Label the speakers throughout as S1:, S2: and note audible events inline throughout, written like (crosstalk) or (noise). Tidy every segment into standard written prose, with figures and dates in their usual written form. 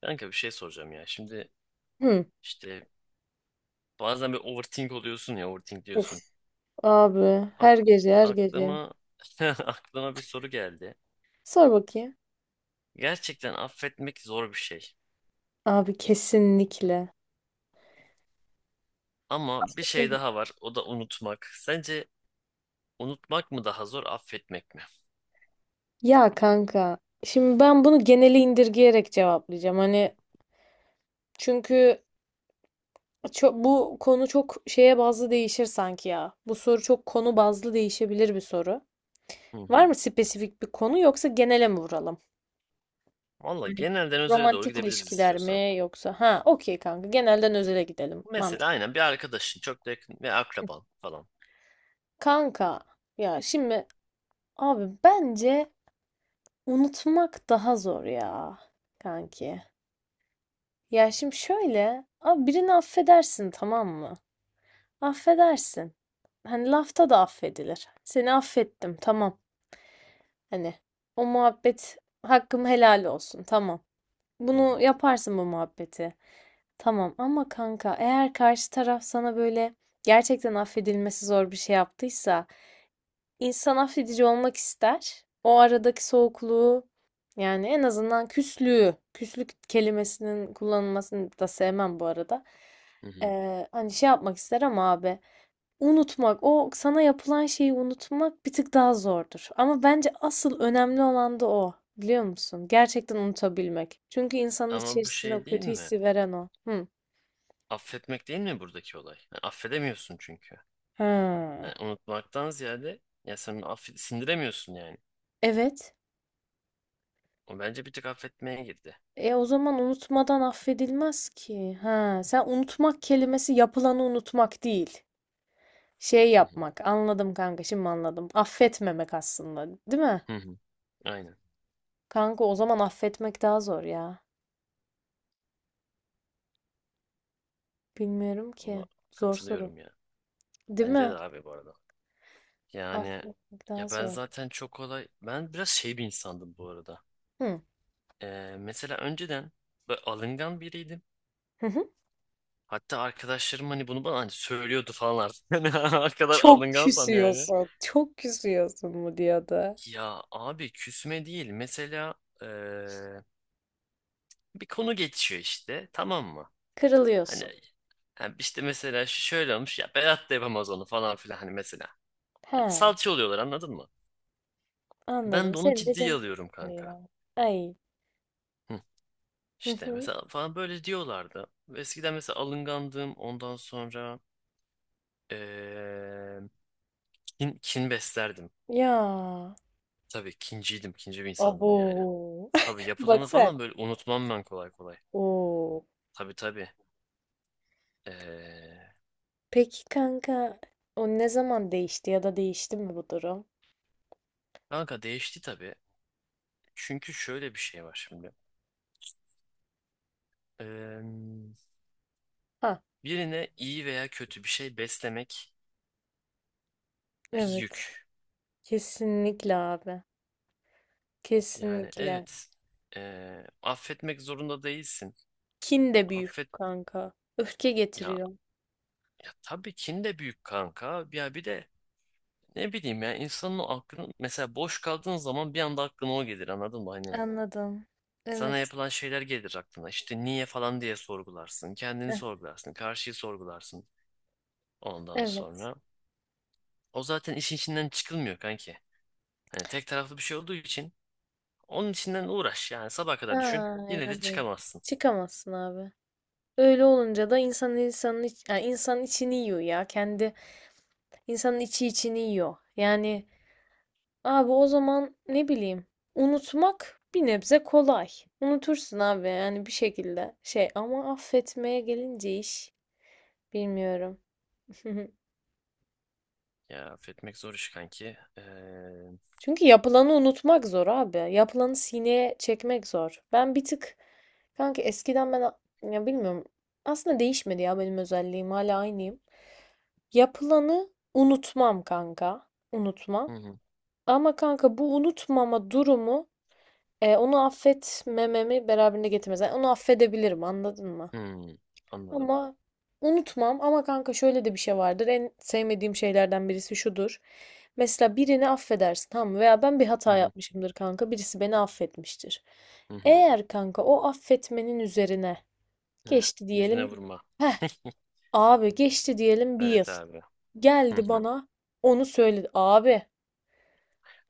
S1: Kanka bir şey soracağım ya. Şimdi
S2: Hı.
S1: işte bazen bir overthink oluyorsun ya overthink
S2: Uf
S1: diyorsun.
S2: abi,
S1: Ak-
S2: her gece her gece.
S1: aklıma (laughs) aklıma bir soru geldi.
S2: Sor bakayım.
S1: Gerçekten affetmek zor bir şey.
S2: Abi kesinlikle.
S1: Ama bir şey daha var. O da unutmak. Sence unutmak mı daha zor, affetmek mi?
S2: Ya kanka, şimdi ben bunu geneli indirgeyerek cevaplayacağım. Hani çünkü bu konu çok şeye bazlı değişir sanki ya. Bu soru çok konu bazlı değişebilir bir soru.
S1: Hı
S2: Var
S1: hı.
S2: mı spesifik bir konu, yoksa genele mi vuralım?
S1: Valla
S2: Hani
S1: genelden özele doğru
S2: romantik
S1: gidebiliriz
S2: ilişkiler
S1: istiyorsan.
S2: mi yoksa? Ha, okey kanka, genelden özele gidelim.
S1: Mesela
S2: Mantık.
S1: aynen bir arkadaşın çok da yakın ve akraban falan.
S2: Kanka ya şimdi, abi bence unutmak daha zor ya kanki. Ya şimdi şöyle, abi birini affedersin, tamam mı? Affedersin. Hani lafta da affedilir. Seni affettim, tamam. Hani o muhabbet, hakkım helal olsun, tamam.
S1: Hı hı.
S2: Bunu yaparsın, bu muhabbeti. Tamam ama kanka, eğer karşı taraf sana böyle gerçekten affedilmesi zor bir şey yaptıysa, İnsan affedici olmak ister. O aradaki soğukluğu, yani en azından küslüğü, küslük kelimesinin kullanılmasını da sevmem bu arada.
S1: Hı hı.
S2: Hani şey yapmak ister ama abi, unutmak, o sana yapılan şeyi unutmak bir tık daha zordur. Ama bence asıl önemli olan da o. Biliyor musun? Gerçekten unutabilmek. Çünkü insanın
S1: Ama bu
S2: içerisinde o
S1: şey değil
S2: kötü
S1: mi?
S2: hissi veren o. Hı.
S1: Affetmek değil mi buradaki olay? Yani affedemiyorsun çünkü.
S2: Ha.
S1: Yani unutmaktan ziyade ya sen sindiremiyorsun yani.
S2: Evet.
S1: O bence bir tık affetmeye girdi.
S2: E o zaman unutmadan affedilmez ki. Ha, sen unutmak kelimesi yapılanı unutmak değil. Şey
S1: Hı hı.
S2: yapmak. Anladım kanka, şimdi anladım. Affetmemek aslında, değil mi?
S1: Hı hı. Aynen.
S2: Kanka o zaman affetmek daha zor ya. Bilmiyorum
S1: Valla
S2: ki. Zor soru.
S1: katılıyorum ya.
S2: Değil
S1: Bence
S2: mi?
S1: de abi bu arada. Yani
S2: Affetmek daha
S1: ya ben
S2: zor.
S1: zaten çok kolay ben biraz şey bir insandım bu arada.
S2: Hı.
S1: Mesela önceden böyle alıngan biriydim.
S2: Hı hı.
S1: Hatta arkadaşlarım hani bunu bana hani söylüyordu falan artık. (laughs) Hani o kadar
S2: Çok
S1: alıngansam yani.
S2: küsüyorsun. Çok küsüyorsun mu diyordu.
S1: Ya abi küsme değil. Mesela ee, bir konu geçiyor işte, tamam mı? Hani
S2: Kırılıyorsun.
S1: yani işte mesela şu şöyle olmuş ya, Berat da yapamaz onu falan filan hani mesela.
S2: He,
S1: Hani salça oluyorlar, anladın mı? Ben
S2: anladım.
S1: de onu
S2: Senin de
S1: ciddiye
S2: canın
S1: alıyorum kanka.
S2: sıkılıyor. Ay.
S1: Hı.
S2: Hı
S1: İşte
S2: hı.
S1: mesela falan böyle diyorlardı. Eskiden mesela alıngandım, ondan sonra eee, kin beslerdim.
S2: Ya.
S1: Tabii kinciydim, kinci bir insandım yani.
S2: Abo.
S1: Tabii
S2: (laughs) Bak
S1: yapılanı
S2: sen.
S1: falan böyle unutmam ben, kolay kolay.
S2: Oo.
S1: Tabii tabii. Eee,
S2: Peki kanka, o ne zaman değişti ya da değişti mi bu durum?
S1: Kanka değişti tabii. Çünkü şöyle bir şey var şimdi. Eee,
S2: Ha,
S1: Birine iyi veya kötü bir şey beslemek bir
S2: evet.
S1: yük.
S2: Kesinlikle abi.
S1: Yani
S2: Kesinlikle.
S1: evet, affetmek zorunda değilsin.
S2: Kin de
S1: Affet
S2: büyük kanka. Öfke
S1: ya,
S2: getiriyor.
S1: ya tabii kin de büyük kanka. Ya bir de ne bileyim ya, insanın o aklını mesela, boş kaldığın zaman bir anda aklına o gelir, anladın mı? Hani
S2: Anladım.
S1: sana
S2: Evet.
S1: yapılan şeyler gelir aklına. İşte niye falan diye sorgularsın. Kendini
S2: Heh,
S1: sorgularsın. Karşıyı sorgularsın ondan
S2: evet.
S1: sonra. O zaten işin içinden çıkılmıyor kanki. Hani tek taraflı bir şey olduğu için, onun içinden uğraş yani, sabaha kadar düşün.
S2: Aynen
S1: Yine de
S2: öyle.
S1: çıkamazsın.
S2: Çıkamazsın abi. Öyle olunca da insan, insanın iç, yani insanın içini yiyor ya. Kendi, insanın içi içini yiyor. Yani abi o zaman ne bileyim, unutmak bir nebze kolay. Unutursun abi, yani bir şekilde şey, ama affetmeye gelince iş, bilmiyorum. (laughs)
S1: Ya affetmek zor iş kanki.
S2: Çünkü yapılanı unutmak zor abi. Yapılanı sineye çekmek zor. Ben bir tık kanka, eskiden ben ya bilmiyorum, aslında değişmedi ya, benim özelliğim hala aynıyım. Yapılanı unutmam kanka, unutmam.
S1: Hı hı,
S2: Ama kanka, bu unutmama durumu, e, onu affetmememi beraberinde getirmez. Yani onu affedebilirim, anladın mı?
S1: hı, anladım.
S2: Ama unutmam, ama kanka şöyle de bir şey vardır. En sevmediğim şeylerden birisi şudur. Mesela birini affedersin, tamam mı? Veya ben bir
S1: Hı
S2: hata
S1: hı,
S2: yapmışımdır kanka. Birisi beni affetmiştir.
S1: hı hı.
S2: Eğer kanka o affetmenin üzerine
S1: Heh,
S2: geçti
S1: yüzüne
S2: diyelim.
S1: vurma.
S2: Heh,
S1: (laughs)
S2: abi geçti diyelim, bir yıl.
S1: Evet abi. Hı
S2: Geldi
S1: hı.
S2: bana, onu söyledi. Abi,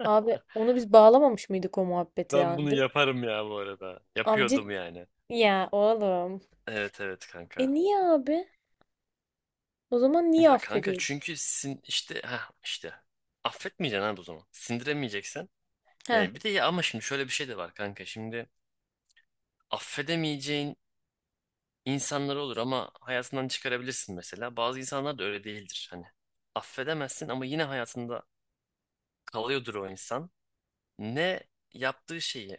S2: abi onu biz bağlamamış mıydık o muhabbeti,
S1: Ben
S2: yani
S1: bunu
S2: değil mi?
S1: yaparım ya bu arada.
S2: Abi
S1: Yapıyordum
S2: cid-
S1: yani.
S2: ya oğlum.
S1: Evet, evet
S2: E
S1: kanka.
S2: niye abi? O zaman niye
S1: Ya kanka
S2: affediyorsun?
S1: çünkü sin işte ha işte affetmeyeceksin abi o zaman. Sindiremeyeceksen.
S2: Ha,
S1: Yani bir de, ya ama şimdi şöyle bir şey de var kanka. Şimdi affedemeyeceğin insanlar olur ama hayatından çıkarabilirsin mesela. Bazı insanlar da öyle değildir hani. Affedemezsin ama yine hayatında kalıyordur o insan. Ne yaptığı şeyi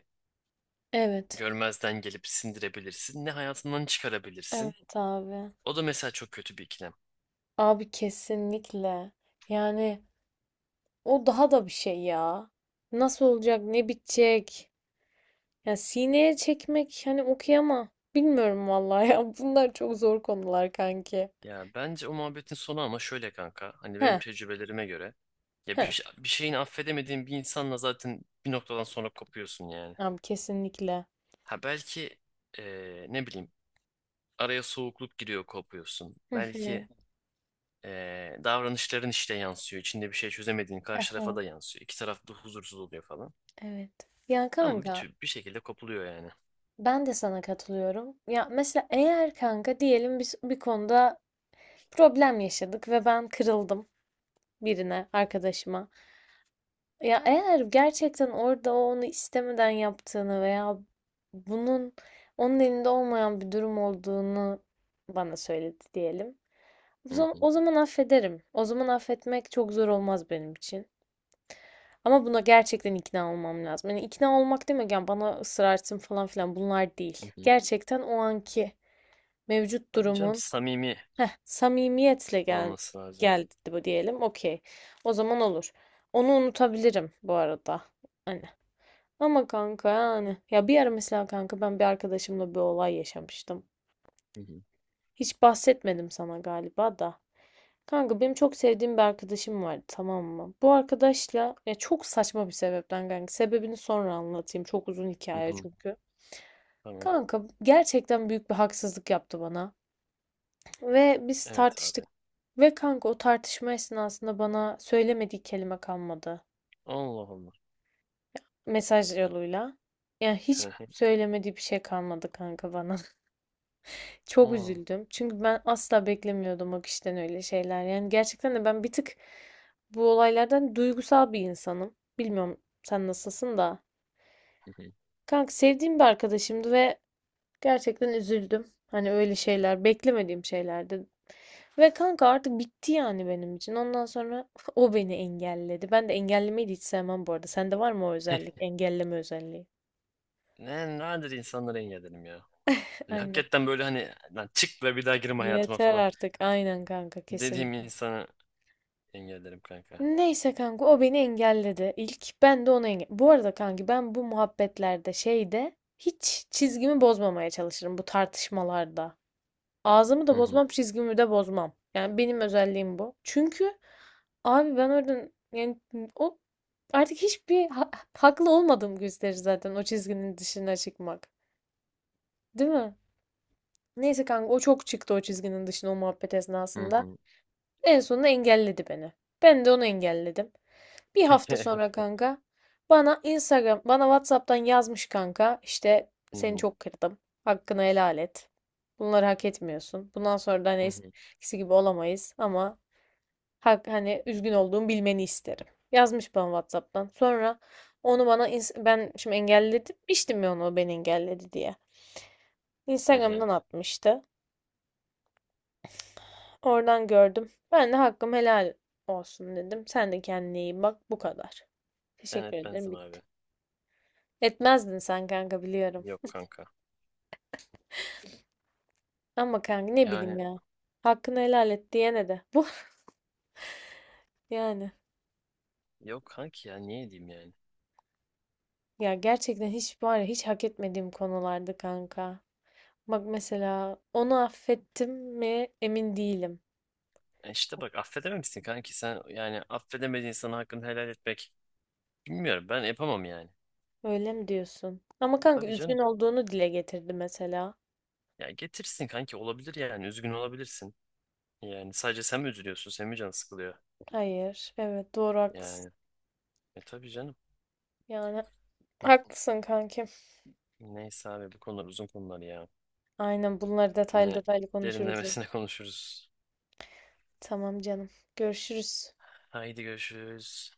S2: evet.
S1: görmezden gelip sindirebilirsin, ne hayatından çıkarabilirsin.
S2: Evet abi.
S1: O da mesela çok kötü bir ikilem.
S2: Abi kesinlikle. Yani o daha da bir şey ya. Nasıl olacak, ne bitecek? Ya sineye çekmek, hani okuyama. Bilmiyorum vallahi ya. (laughs) Bunlar çok zor konular kanki.
S1: Ya bence o muhabbetin sonu ama şöyle kanka. Hani benim
S2: Ha,
S1: tecrübelerime göre, ya
S2: ha.
S1: bir şeyini affedemediğin bir insanla zaten bir noktadan sonra kopuyorsun yani.
S2: Abi kesinlikle.
S1: Ha belki ne bileyim, araya soğukluk giriyor, kopuyorsun.
S2: Hı hı.
S1: Belki davranışların işte yansıyor. İçinde bir şey çözemediğin,
S2: Hı
S1: karşı tarafa
S2: hı.
S1: da yansıyor. İki taraf da huzursuz oluyor falan.
S2: Evet. Ya
S1: Ama bir
S2: kanka,
S1: tür bir şekilde kopuluyor yani.
S2: ben de sana katılıyorum. Ya mesela eğer kanka diyelim, biz bir konuda problem yaşadık ve ben kırıldım. Birine, arkadaşıma. Ya eğer gerçekten orada o onu istemeden yaptığını veya bunun onun elinde olmayan bir durum olduğunu bana söyledi diyelim. O
S1: Hı
S2: zaman,
S1: hı.
S2: o zaman affederim. O zaman affetmek çok zor olmaz benim için. Ama buna gerçekten ikna olmam lazım. Yani ikna olmak demek, yani bana ısrar etsin falan filan, bunlar değil.
S1: Hı hı.
S2: Gerçekten o anki mevcut
S1: Tabii canım,
S2: durumun,
S1: samimi
S2: heh, samimiyetle gel,
S1: olması lazım.
S2: geldi bu diyelim. Okey. O zaman olur. Onu unutabilirim bu arada. Hani. Ama kanka yani. Ya bir ara mesela kanka, ben bir arkadaşımla bir olay yaşamıştım.
S1: Hı hı.
S2: Hiç bahsetmedim sana galiba da. Kanka benim çok sevdiğim bir arkadaşım vardı, tamam mı? Bu arkadaşla ya çok saçma bir sebepten kanka. Sebebini sonra anlatayım. Çok uzun
S1: Hı
S2: hikaye
S1: hı.
S2: çünkü.
S1: Tamam.
S2: Kanka gerçekten büyük bir haksızlık yaptı bana. Ve biz
S1: Evet
S2: tartıştık.
S1: abi.
S2: Ve kanka o tartışma esnasında bana söylemediği kelime kalmadı.
S1: Allah Allah.
S2: Mesaj yoluyla. Yani
S1: Hı
S2: hiç
S1: hı.
S2: söylemediği bir şey kalmadı kanka bana. (laughs) Çok
S1: Aa.
S2: üzüldüm. Çünkü ben asla beklemiyordum o kişiden öyle şeyler. Yani gerçekten de ben bir tık bu olaylardan duygusal bir insanım. Bilmiyorum sen nasılsın da.
S1: Hı hı.
S2: Kanka sevdiğim bir arkadaşımdı ve gerçekten üzüldüm. Hani öyle şeyler, beklemediğim şeylerdi. Ve kanka artık bitti yani benim için. Ondan sonra (laughs) o beni engelledi. Ben de engellemeyi de hiç sevmem bu arada. Sende var mı o
S1: (laughs)
S2: özellik? Engelleme özelliği.
S1: Nadir insanları engellerim ya.
S2: (laughs)
S1: Yani
S2: Aynen.
S1: hakikaten böyle hani, lan çık ve bir daha girme hayatıma
S2: Yeter
S1: falan
S2: artık. Aynen kanka,
S1: dediğim
S2: kesin.
S1: insanı engellerim kanka.
S2: Neyse kanka, o beni engelledi. İlk ben de onu bu arada kanki, ben bu muhabbetlerde şeyde hiç çizgimi bozmamaya çalışırım, bu tartışmalarda. Ağzımı da
S1: Hı hı.
S2: bozmam, çizgimi de bozmam. Yani benim özelliğim bu. Çünkü abi ben oradan yani o artık haklı olmadığım gösterir zaten o çizginin dışına çıkmak. Değil mi? Neyse kanka, o çok çıktı o çizginin dışına o muhabbet
S1: Hı
S2: esnasında.
S1: hı.
S2: En sonunda engelledi beni. Ben de onu engelledim. Bir hafta
S1: (laughs)
S2: sonra kanka bana WhatsApp'tan yazmış kanka, işte
S1: Hı
S2: seni
S1: hı.
S2: çok kırdım. Hakkını helal et. Bunları hak etmiyorsun. Bundan sonra da hani
S1: Hı hı.
S2: eskisi gibi olamayız ama hani üzgün olduğumu bilmeni isterim. Yazmış bana WhatsApp'tan. Sonra ben şimdi engellemiştim ya onu, o beni engelledi diye.
S1: Hı hı.
S2: Instagram'dan atmıştı. Oradan gördüm. Ben de hakkım helal olsun dedim. Sen de kendine iyi bak. Bu kadar.
S1: Ben
S2: Teşekkür ederim.
S1: etmezdim
S2: Bitti.
S1: abi.
S2: Etmezdin sen kanka, biliyorum.
S1: Yok kanka.
S2: Ama kanka ne bileyim
S1: Yani
S2: ya. Hakkını helal et diyene de. Bu (laughs) yani.
S1: yok kanki, ya niye diyeyim yani.
S2: Ya gerçekten hiç, var ya, hiç hak etmediğim konulardı kanka. Bak mesela onu affettim mi emin değilim.
S1: E işte bak, affedemem misin kanki sen, yani affedemediğin sana hakkını helal etmek, bilmiyorum, ben yapamam yani.
S2: Öyle mi diyorsun? Ama kanka
S1: Tabii
S2: üzgün
S1: canım.
S2: olduğunu dile getirdi mesela.
S1: Ya getirsin kanki, olabilir yani, üzgün olabilirsin. Yani sadece sen mi üzülüyorsun, senin mi canın sıkılıyor?
S2: Hayır. Evet doğru, haklısın.
S1: Yani tabii canım.
S2: Yani
S1: Hı.
S2: haklısın kankim.
S1: Neyse abi, bu konular uzun konular ya.
S2: Aynen, bunları detaylı
S1: Yine
S2: detaylı konuşuruz ya.
S1: derinlemesine (laughs) konuşuruz.
S2: Tamam canım. Görüşürüz.
S1: Haydi görüşürüz.